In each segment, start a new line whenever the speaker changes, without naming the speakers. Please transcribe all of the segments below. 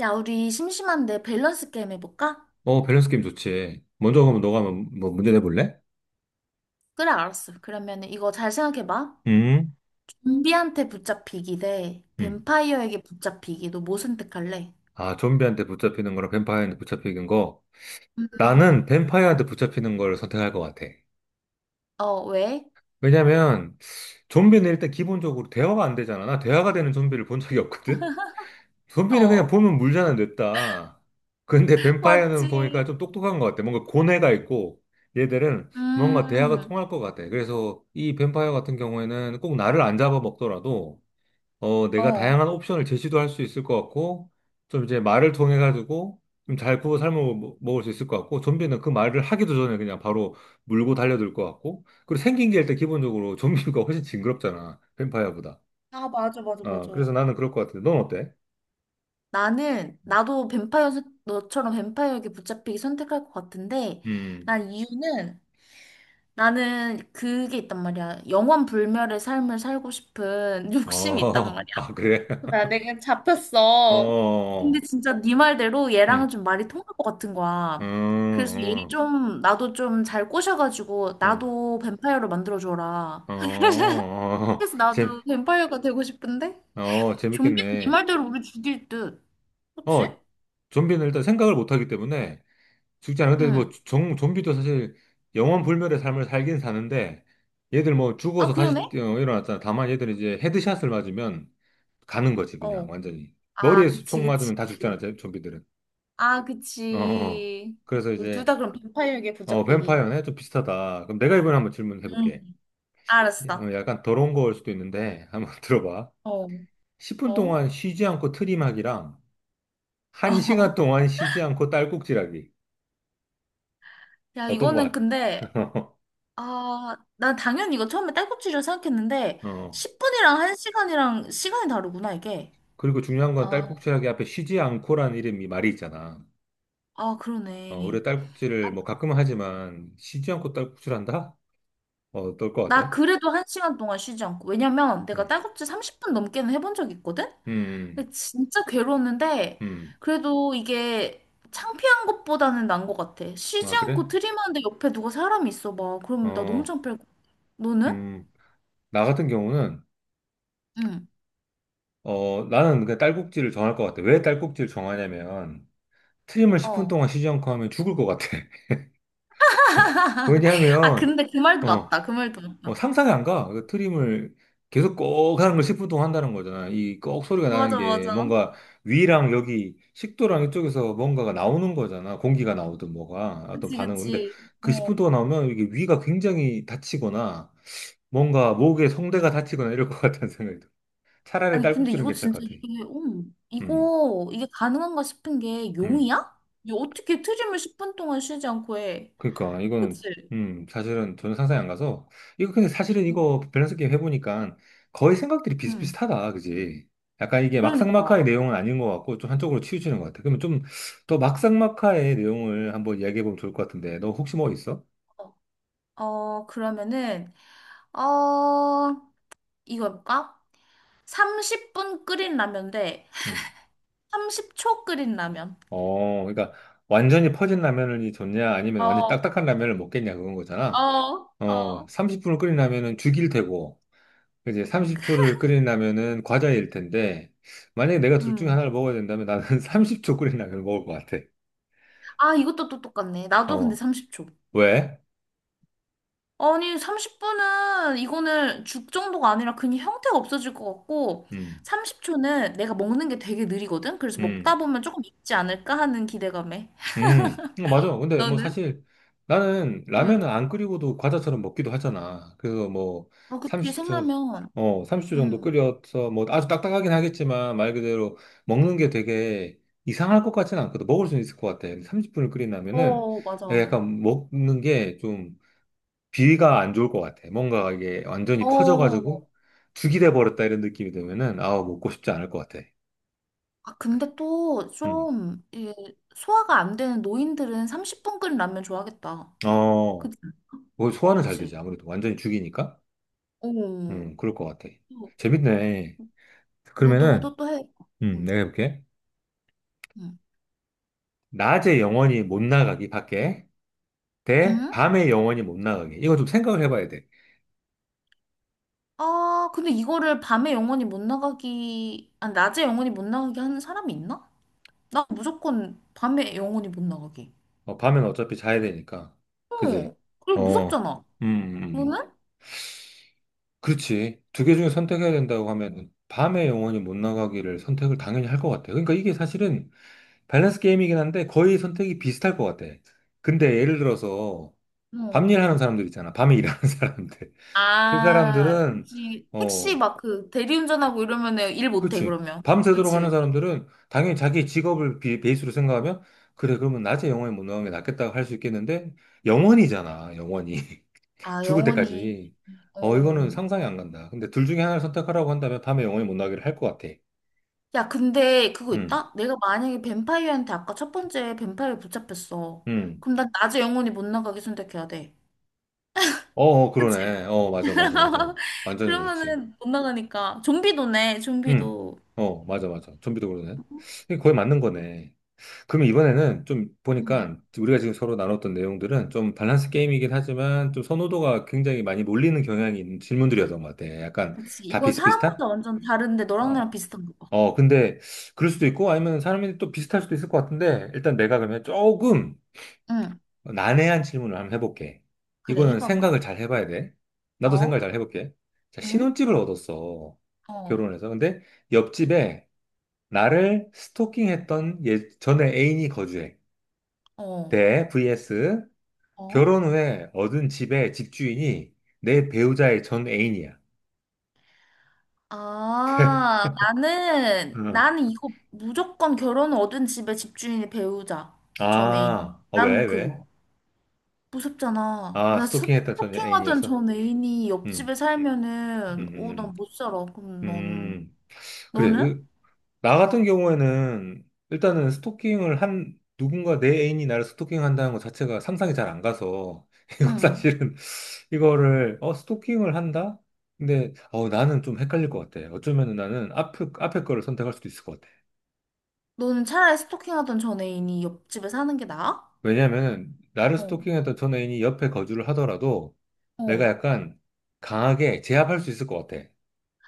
야, 우리 심심한데 밸런스 게임 해볼까?
어, 밸런스 게임 좋지. 먼저 가면 너가 한번 뭐 문제 내볼래?
그래, 알았어. 그러면 이거 잘 생각해봐.
음,
좀비한테 붙잡히기 대
음.
뱀파이어에게 붙잡히기. 너 뭐 선택할래?
아, 좀비한테 붙잡히는 거랑 뱀파이어한테 붙잡히는 거.
음.
나는 뱀파이어한테 붙잡히는 걸 선택할 것 같아.
어, 왜?
왜냐면 좀비는 일단 기본적으로 대화가 안 되잖아. 나 대화가 되는 좀비를 본 적이 없거든? 좀비는 그냥
어,
보면 물잖아, 냈다. 근데 뱀파이어는 보니까
맞지.
좀 똑똑한 것 같아. 뭔가 고뇌가 있고 얘들은 뭔가 대화가
음.
통할 것 같아. 그래서 이 뱀파이어 같은 경우에는 꼭 나를 안 잡아먹더라도 내가
어.
다양한 옵션을 제시도 할 수 있을 것 같고, 좀 이제 말을 통해 가지고 좀 잘 구워 삶아 먹을 수 있을 것 같고, 좀비는 그 말을 하기도 전에 그냥 바로 물고 달려들 것 같고, 그리고 생긴 게 일단 기본적으로 좀비가 훨씬 징그럽잖아. 뱀파이어보다.
아, 맞아, 맞아, 맞아.
그래서 나는 그럴 것 같은데, 넌 어때?
나도 뱀파이어, 너처럼 뱀파이어에게 붙잡히기 선택할 것 같은데,
음,
난 이유는, 나는 그게 있단 말이야. 영원 불멸의 삶을 살고 싶은 욕심이 있단
어,
말이야.
아, 그래?
야, 내가
어,
잡혔어. 근데
어.
진짜 네 말대로
응,
얘랑은 좀 말이 통할 것 같은
음,
거야. 그래서 얘를
음,
좀 나도 좀 잘 꼬셔가지고
음,
나도 뱀파이어로 만들어줘라.
어, 어, 어.
그래서 나도 뱀파이어가 되고 싶은데
어,
좀비는 네
재밌겠네.
말대로 우리 죽일 듯. 그치?
어, 좀비는 일단 생각을 못 하기 때문에, 죽지 않근데 뭐
응.
좀비도 사실 영원 불멸의 삶을 살긴 사는데 얘들 뭐
아,
죽어서 다시
그러네?
일어났잖아. 다만 얘들은 이제 헤드샷을 맞으면 가는 거지 그냥
어.
완전히.
아,
머리에서
그치,
총
그치.
맞으면 다 죽잖아, 좀비들은.
아,
어. 어. 어.
그치.
그래서
우리 둘
이제
다 그럼 뱀파이어에게
어
붙잡히기.
뱀파이어네 좀 비슷하다. 그럼 내가 이번에 한번 질문해
응,
볼게.
알았어.
약간 더러운 거일 수도 있는데 한번 들어봐.
어,
10분
어,
동안 쉬지 않고 트림하기랑
어.
1시간 동안 쉬지 않고 딸꾹질하기.
야,
어떤 거
이거는
할까?
근데 아, 난 당연히 이거 처음에 딸꾹질이라 생각했는데,
어. 어.
10분이랑 1시간이랑 시간이 다르구나, 이게.
그리고 중요한 건
아,
딸꾹질하기 앞에 쉬지 않고라는 이름이 말이 있잖아.
아,
우리
그러네.
딸꾹질을 뭐 가끔은 하지만 쉬지 않고 딸꾹질한다? 어떨 것 같아?
나 그래도 1시간 동안 쉬지 않고. 왜냐면 내가
응.
딸꾹질 30분 넘게는 해본 적이 있거든?
음,
근데 진짜 괴로웠는데,
음,
그래도 이게 창피한 것보다는 난 것 같아. 쉬지
아, 그래?
않고 트림하는데 옆에 누가 사람이 있어 봐. 그럼 나 너무
어,
창피할 것 같아. 너는?
음, 나 같은 경우는,
응.
나는 그냥 딸꾹질을 정할 것 같아. 왜 딸꾹질을 정하냐면, 트림을 10분
어.
동안 쉬지 않고 하면 죽을 것 같아.
아,
왜냐하면,
근데 그 말도
어,
맞다. 그 말도 맞다.
상상이 안 가. 그 트림을 계속 꼭 하는 걸 10분 동안 한다는 거잖아. 이 꼭 소리가 나는
맞아,
게
맞아.
뭔가 위랑 여기 식도랑 이쪽에서 뭔가가 나오는 거잖아. 공기가 나오든 뭐가 어떤
그치,
반응은. 근데
그치.
그
어.
10분 동안 나오면 이게 위가 굉장히 다치거나 뭔가 목에 성대가 다치거나 이럴 것 같다는 생각이 들어. 차라리
아니, 근데
딸꾹질은
이거
괜찮을
진짜
것 같아.
이게, 음,
음,
이거, 이게 가능한가 싶은 게
음.
용이야? 이게 어떻게 트림을 10분 동안 쉬지 않고 해?
그러니까 이거는
그치?
사실은 저는 상상이 안 가서 이거 근데 사실은 이거 밸런스 게임 해보니까 거의 생각들이
응,
비슷비슷하다 그지 약간 이게 막상막하의
그러니까.
내용은 아닌 것 같고 좀 한쪽으로 치우치는 것 같아 그러면 좀 더 막상막하의 내용을 한번 이야기해보면 좋을 것 같은데 너 혹시 뭐 있어?
어, 어, 그러면은, 어, 이거 해볼까? 30분 끓인 라면 대
음.
30초 끓인 라면.
어 그러니까 완전히 퍼진 라면이 좋냐 아니면 완전 히
어,
딱딱한 라면을 먹겠냐 그건
어,
거잖아 어
어.
30분을 끓인 라면은 죽일 테고 이제 30초를 끓인다면은 과자일 텐데, 만약에 내가 둘 중에
음.
하나를 먹어야 된다면 나는 30초 끓인 라면을 먹을 것 같아.
아, 이것도 또 똑같네. 나도 근데
어,
30초.
왜?
아니, 30분은 이거는 죽 정도가 아니라 그냥 형태가 없어질 것 같고,
음,
30초는 내가 먹는 게 되게 느리거든? 그래서 먹다
음,
보면 조금 익지 않을까 하는 기대감에.
어, 맞아. 근데 뭐
너는?
사실 나는
응.
라면은 안 끓이고도 과자처럼 먹기도 하잖아. 그래서 뭐
아, 그치,
30초,
생라면.
어, 30초 정도
응.
끓여서 뭐 아주 딱딱하긴 하겠지만 말 그대로 먹는 게 되게 이상할 것 같지는 않거든. 먹을 수는 있을 것 같아. 30분을 끓인다면은
어, 맞아,
내가
맞아.
약간 먹는 게좀 비위가 안 좋을 것 같아. 뭔가 이게 완전히
어.
퍼져가지고 죽이 돼버렸다 이런 느낌이 들면은 아 먹고 싶지 않을 것 같아.
아, 근데 또
음.
좀, 이게 소화가 안 되는 노인들은 30분 끓인 라면 좋아하겠다.
어,
그치?
뭐 소화는 잘 되지.
그치?
아무래도 완전히 죽이니까.
어.
그럴 것 같아.
너,
재밌네.
너도
그러면은
또 해. 응.
내가 해볼게.
응.
낮에 영원히 못 나가기 밖에 대
응?
밤에 영원히 못 나가기. 이거 좀 생각을 해봐야 돼.
아, 근데 이거를 밤에 영원히 못 나가기, 아, 낮에 영원히 못 나가게 하는 사람이 있나? 나 무조건 밤에 영원히 못 나가게.
밤엔 어차피 자야 되니까. 그지?
어, 그리고
어,
무섭잖아.
음, 음. 음.
너는?
그렇지. 두 개 중에 선택해야 된다고 하면 밤에 영원히 못 나가기를 선택을 당연히 할 것 같아. 그러니까 이게 사실은 밸런스 게임이긴 한데 거의 선택이 비슷할 것 같아. 근데 예를 들어서 밤
어.
일하는 사람들 있잖아. 밤에 일하는 사람들. 그
아,
사람들은
그치. 택시
어,
막 그 대리운전하고 이러면 일 못해,
그렇지.
그러면.
밤새도록 하는
그치.
사람들은 당연히 자기 직업을 베이스로 생각하면 그래, 그러면 낮에 영원히 못 나가는 게 낫겠다고 할 수 있겠는데 영원이잖아, 영원히.
아,
죽을
영원히.
때까지. 이거는
어.
상상이 안 간다. 근데 둘 중에 하나를 선택하라고 한다면 밤에 영원히 못 나기를 할 것 같아.
야, 근데 그거
음,
있다? 내가 만약에 뱀파이어한테 아까 첫 번째 뱀파이어 붙잡혔어.
음.
그럼 난 낮에 영원히 못 나가게 선택해야 돼.
어, 어,
그치?
그러네. 어, 맞아, 맞아, 맞아. 완전히 그렇지.
그러면은 못 나가니까. 좀비도네,
음.
좀비도.
어, 맞아, 맞아. 좀비도 그러네. 이게 거의 맞는 거네. 그럼 이번에는 좀
응.
보니까 우리가 지금 서로 나눴던 내용들은 좀 밸런스 게임이긴 하지만 좀 선호도가 굉장히 많이 몰리는 경향이 있는 질문들이었던 것 같아. 약간
그치.
다
이건
비슷비슷한?
사람마다 완전 다른데 너랑
어.
나랑 비슷한 거 봐.
근데 그럴 수도 있고 아니면 사람이 또 비슷할 수도 있을 것 같은데 일단 내가 그러면 조금
응.
난해한 질문을 한번 해볼게.
그래,
이거는
해봐봐.
생각을 잘 해봐야 돼. 나도 생각을
어?
잘 해볼게. 자,
응?
신혼집을 얻었어.
어?
결혼해서. 근데 옆집에 나를 스토킹했던 예, 전에 애인이 거주해.
어?
대 vs
어?
결혼 후에 얻은 집의 집주인이 내 배우자의 전 애인이야.
아,
응.
나는 이거 무조건 결혼 얻은 집의 집주인이 배우자. 전 애인.
아, 어, 왜,
난
왜?
그거. 무섭잖아.
아, 스토킹했던 전
스토킹하던
애인이어서.
전 애인이 옆집에
음, 음.
살면은, 어, 난
음.
못 살아. 그럼
음.
너는.
음, 그래.
너는?
나 같은 경우에는 일단은 스토킹을 한, 누군가 내 애인이 나를 스토킹한다는 것 자체가 상상이 잘 안 가서, 이거
응.
사실은, 이거를, 스토킹을 한다? 근데, 나는 좀 헷갈릴 것 같아. 어쩌면 나는 앞에 거를 선택할 수도 있을 것 같아.
너는 차라리 스토킹하던 전 애인이 옆집에 사는 게 나아?
왜냐면은, 나를
어,
스토킹했던 전 애인이 옆에 거주를 하더라도, 내가
어.
약간 강하게 제압할 수 있을 것 같아.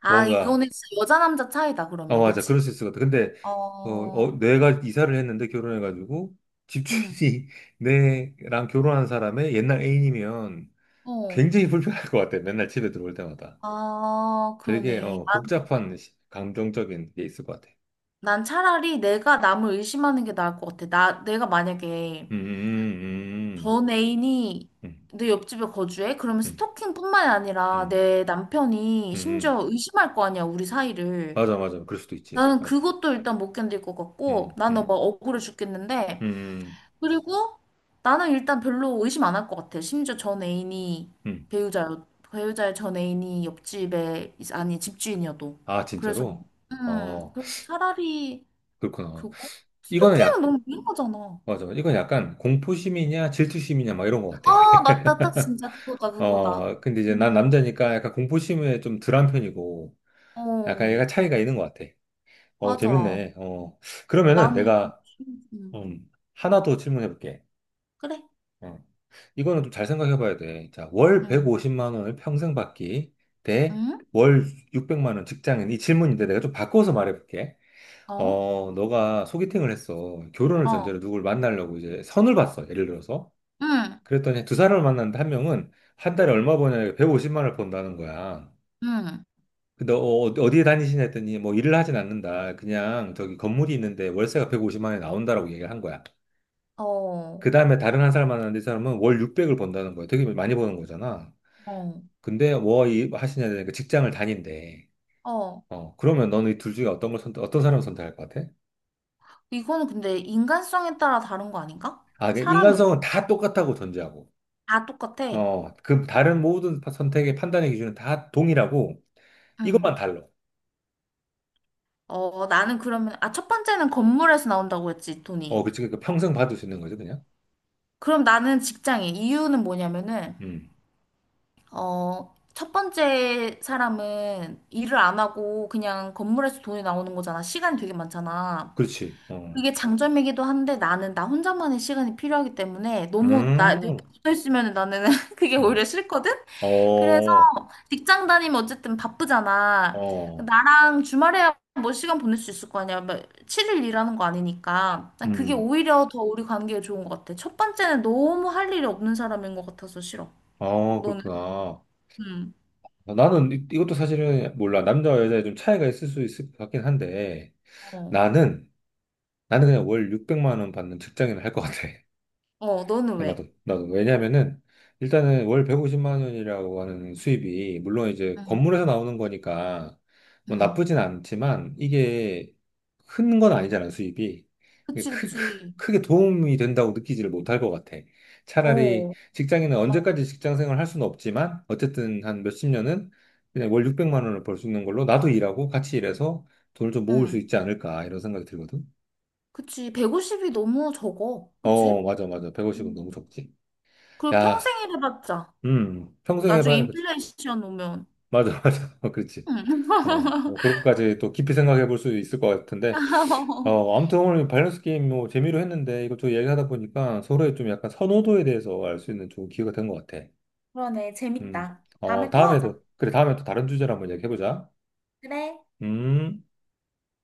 아,
뭔가,
이거는 진짜 여자 남자 차이다,
아,
그러면.
맞아. 그럴
그치?
수 있을 것 같아. 근데,
어,
내가 이사를 했는데 결혼해가지고,
응,
집주인이 내랑 결혼한 사람의 옛날 애인이면
어.
굉장히 불편할 것 같아. 맨날 집에 들어올 때마다.
아,
되게,
그러네.
복잡한 감정적인 게 있을 것 같아.
난 차라리 내가 남을 의심하는 게 나을 것 같아. 내가 만약에
음,
전
음,
애인이
음,
내 옆집에 거주해? 그러면
음, 음,
스토킹뿐만이
음,
아니라
음.
내 남편이
음.
심지어 의심할 거 아니야, 우리 사이를.
맞아, 맞아. 그럴 수도 있지.
나는
맞아.
그것도 일단 못 견딜 것 같고,
음,
나는 막
음,
억울해
음,
죽겠는데,
음.
그리고 나는 일단 별로 의심 안 할 것 같아. 심지어 전 애인이
음.
배우자의 전 애인이 옆집에, 아니, 집주인이어도.
아,
그래서,
진짜로? 어,
그 차라리
그렇구나.
그거?
이거는
스토킹은 너무 위험하잖아.
맞아. 이건 약간 공포심이냐 질투심이냐 막 이런 것 같아.
아, 맞다. 딱 진짜 그거다, 그거다.
근데 이제 난
음,
남자니까 약간 공포심에 좀 덜한 편이고, 약간
어,
얘가 차이가 있는 것 같아. 어,
맞아.
재밌네. 그러면은
나는,
내가,
음,
하나 더 질문해볼게.
그래.
어, 이거는 좀 잘 생각해봐야 돼. 자, 월
응,
150만 원을 평생 받기 대
응,
월 600만 원 직장인. 이 질문인데 내가 좀 바꿔서 말해볼게.
어,
너가 소개팅을 했어. 결혼을 전제로
어,
누굴 만나려고 이제 선을 봤어. 예를 들어서.
응,
그랬더니 두 사람을 만났는데 한 명은 한 달에 얼마 버냐 150만 원을 번다는 거야.
응,
근데 어, 어디에 다니시냐 했더니 뭐 일을 하진 않는다. 그냥 저기 건물이 있는데 월세가 150만 원이 나온다라고 얘기를 한 거야.
어,
그 다음에 다른 한 사람 만났는데 이 사람은 월 600을 번다는 거야. 되게 많이 버는 거잖아.
어,
근데 뭐 하시냐 하니까 직장을 다닌대.
어.
그러면 너는 이 둘 중에 어떤 걸 선택, 어떤 사람을 선택할 것 같아?
이거는 근데 인간성에 따라 다른 거 아닌가?
아, 그
사람이 없-
인간성은 다 똑같다고 전제하고.
다 똑같아.
그 다른 모든 선택의 판단의 기준은 다 동일하고
응.
이것만 달라.
어, 나는 그러면, 아, 첫 번째는 건물에서 나온다고 했지,
어,
돈이.
그치. 그러니까 평생 받을 수 있는 거지, 그냥.
그럼 나는 직장인. 이유는 뭐냐면은,
음,
어, 첫 번째 사람은 일을 안 하고 그냥 건물에서 돈이 나오는 거잖아. 시간이 되게 많잖아.
그렇지.
그게 장점이기도 한데 나는 나 혼자만의 시간이 필요하기 때문에 내가
음.
붙어 있으면 나는 그게 오히려
음.
싫거든? 그래서
어,
직장 다니면 어쨌든 바쁘잖아.
어,
나랑 주말에야 뭐 시간 보낼 수 있을 거 아니야. 뭐 7일 일하는 거 아니니까. 난 그게
음,
오히려 더 우리 관계에 좋은 것 같아. 첫 번째는 너무 할 일이 없는 사람인 것 같아서 싫어.
아,
너는?
그렇구나.
응.
나는 이것도 사실은 몰라. 남자와 여자에 좀 차이가 있을 수 있을 것 같긴 한데,
어.
나는, 나는 그냥 월 600만 원 받는 직장인을 할 것 같아.
어, 너는 왜?
나도. 왜냐면은, 일단은 월 150만 원이라고 하는 수입이, 물론 이제
응.
건물에서 나오는 거니까, 뭐
응.
나쁘진 않지만, 이게 큰 건 아니잖아, 수입이. 이게
그치, 그치.
크게 도움이 된다고 느끼지를 못할 것 같아. 차라리
어.
직장인은
막,
언제까지 직장 생활 할 수는 없지만, 어쨌든 한 몇십 년은 그냥 월 600만 원을 벌 수 있는 걸로 나도 일하고 같이 일해서 돈을 좀 모을 수
응.
있지 않을까, 이런 생각이 들거든.
그치. 150이 너무 적어.
어,
그치?
맞아, 맞아. 150은 너무
음.
적지.
그리고 평생
야.
일해봤자.
평생
나중에
해봐야, 그치.
인플레이션 오면.
맞아, 맞아. 어, 그렇지.
응.
어, 뭐, 그렇게까지 또 깊이 생각해 볼 수 있을 것 같은데. 아무튼 오늘 밸런스 게임 뭐 재미로 했는데 이것저것 얘기하다 보니까 서로의 좀 약간 선호도에 대해서 알 수 있는 좋은 기회가 된 것 같아.
그러네.
음,
재밌다.
어,
다음에 또 하자.
다음에도, 그래, 다음에 또 다른 주제로 한번 얘기해보자.
그래.
음.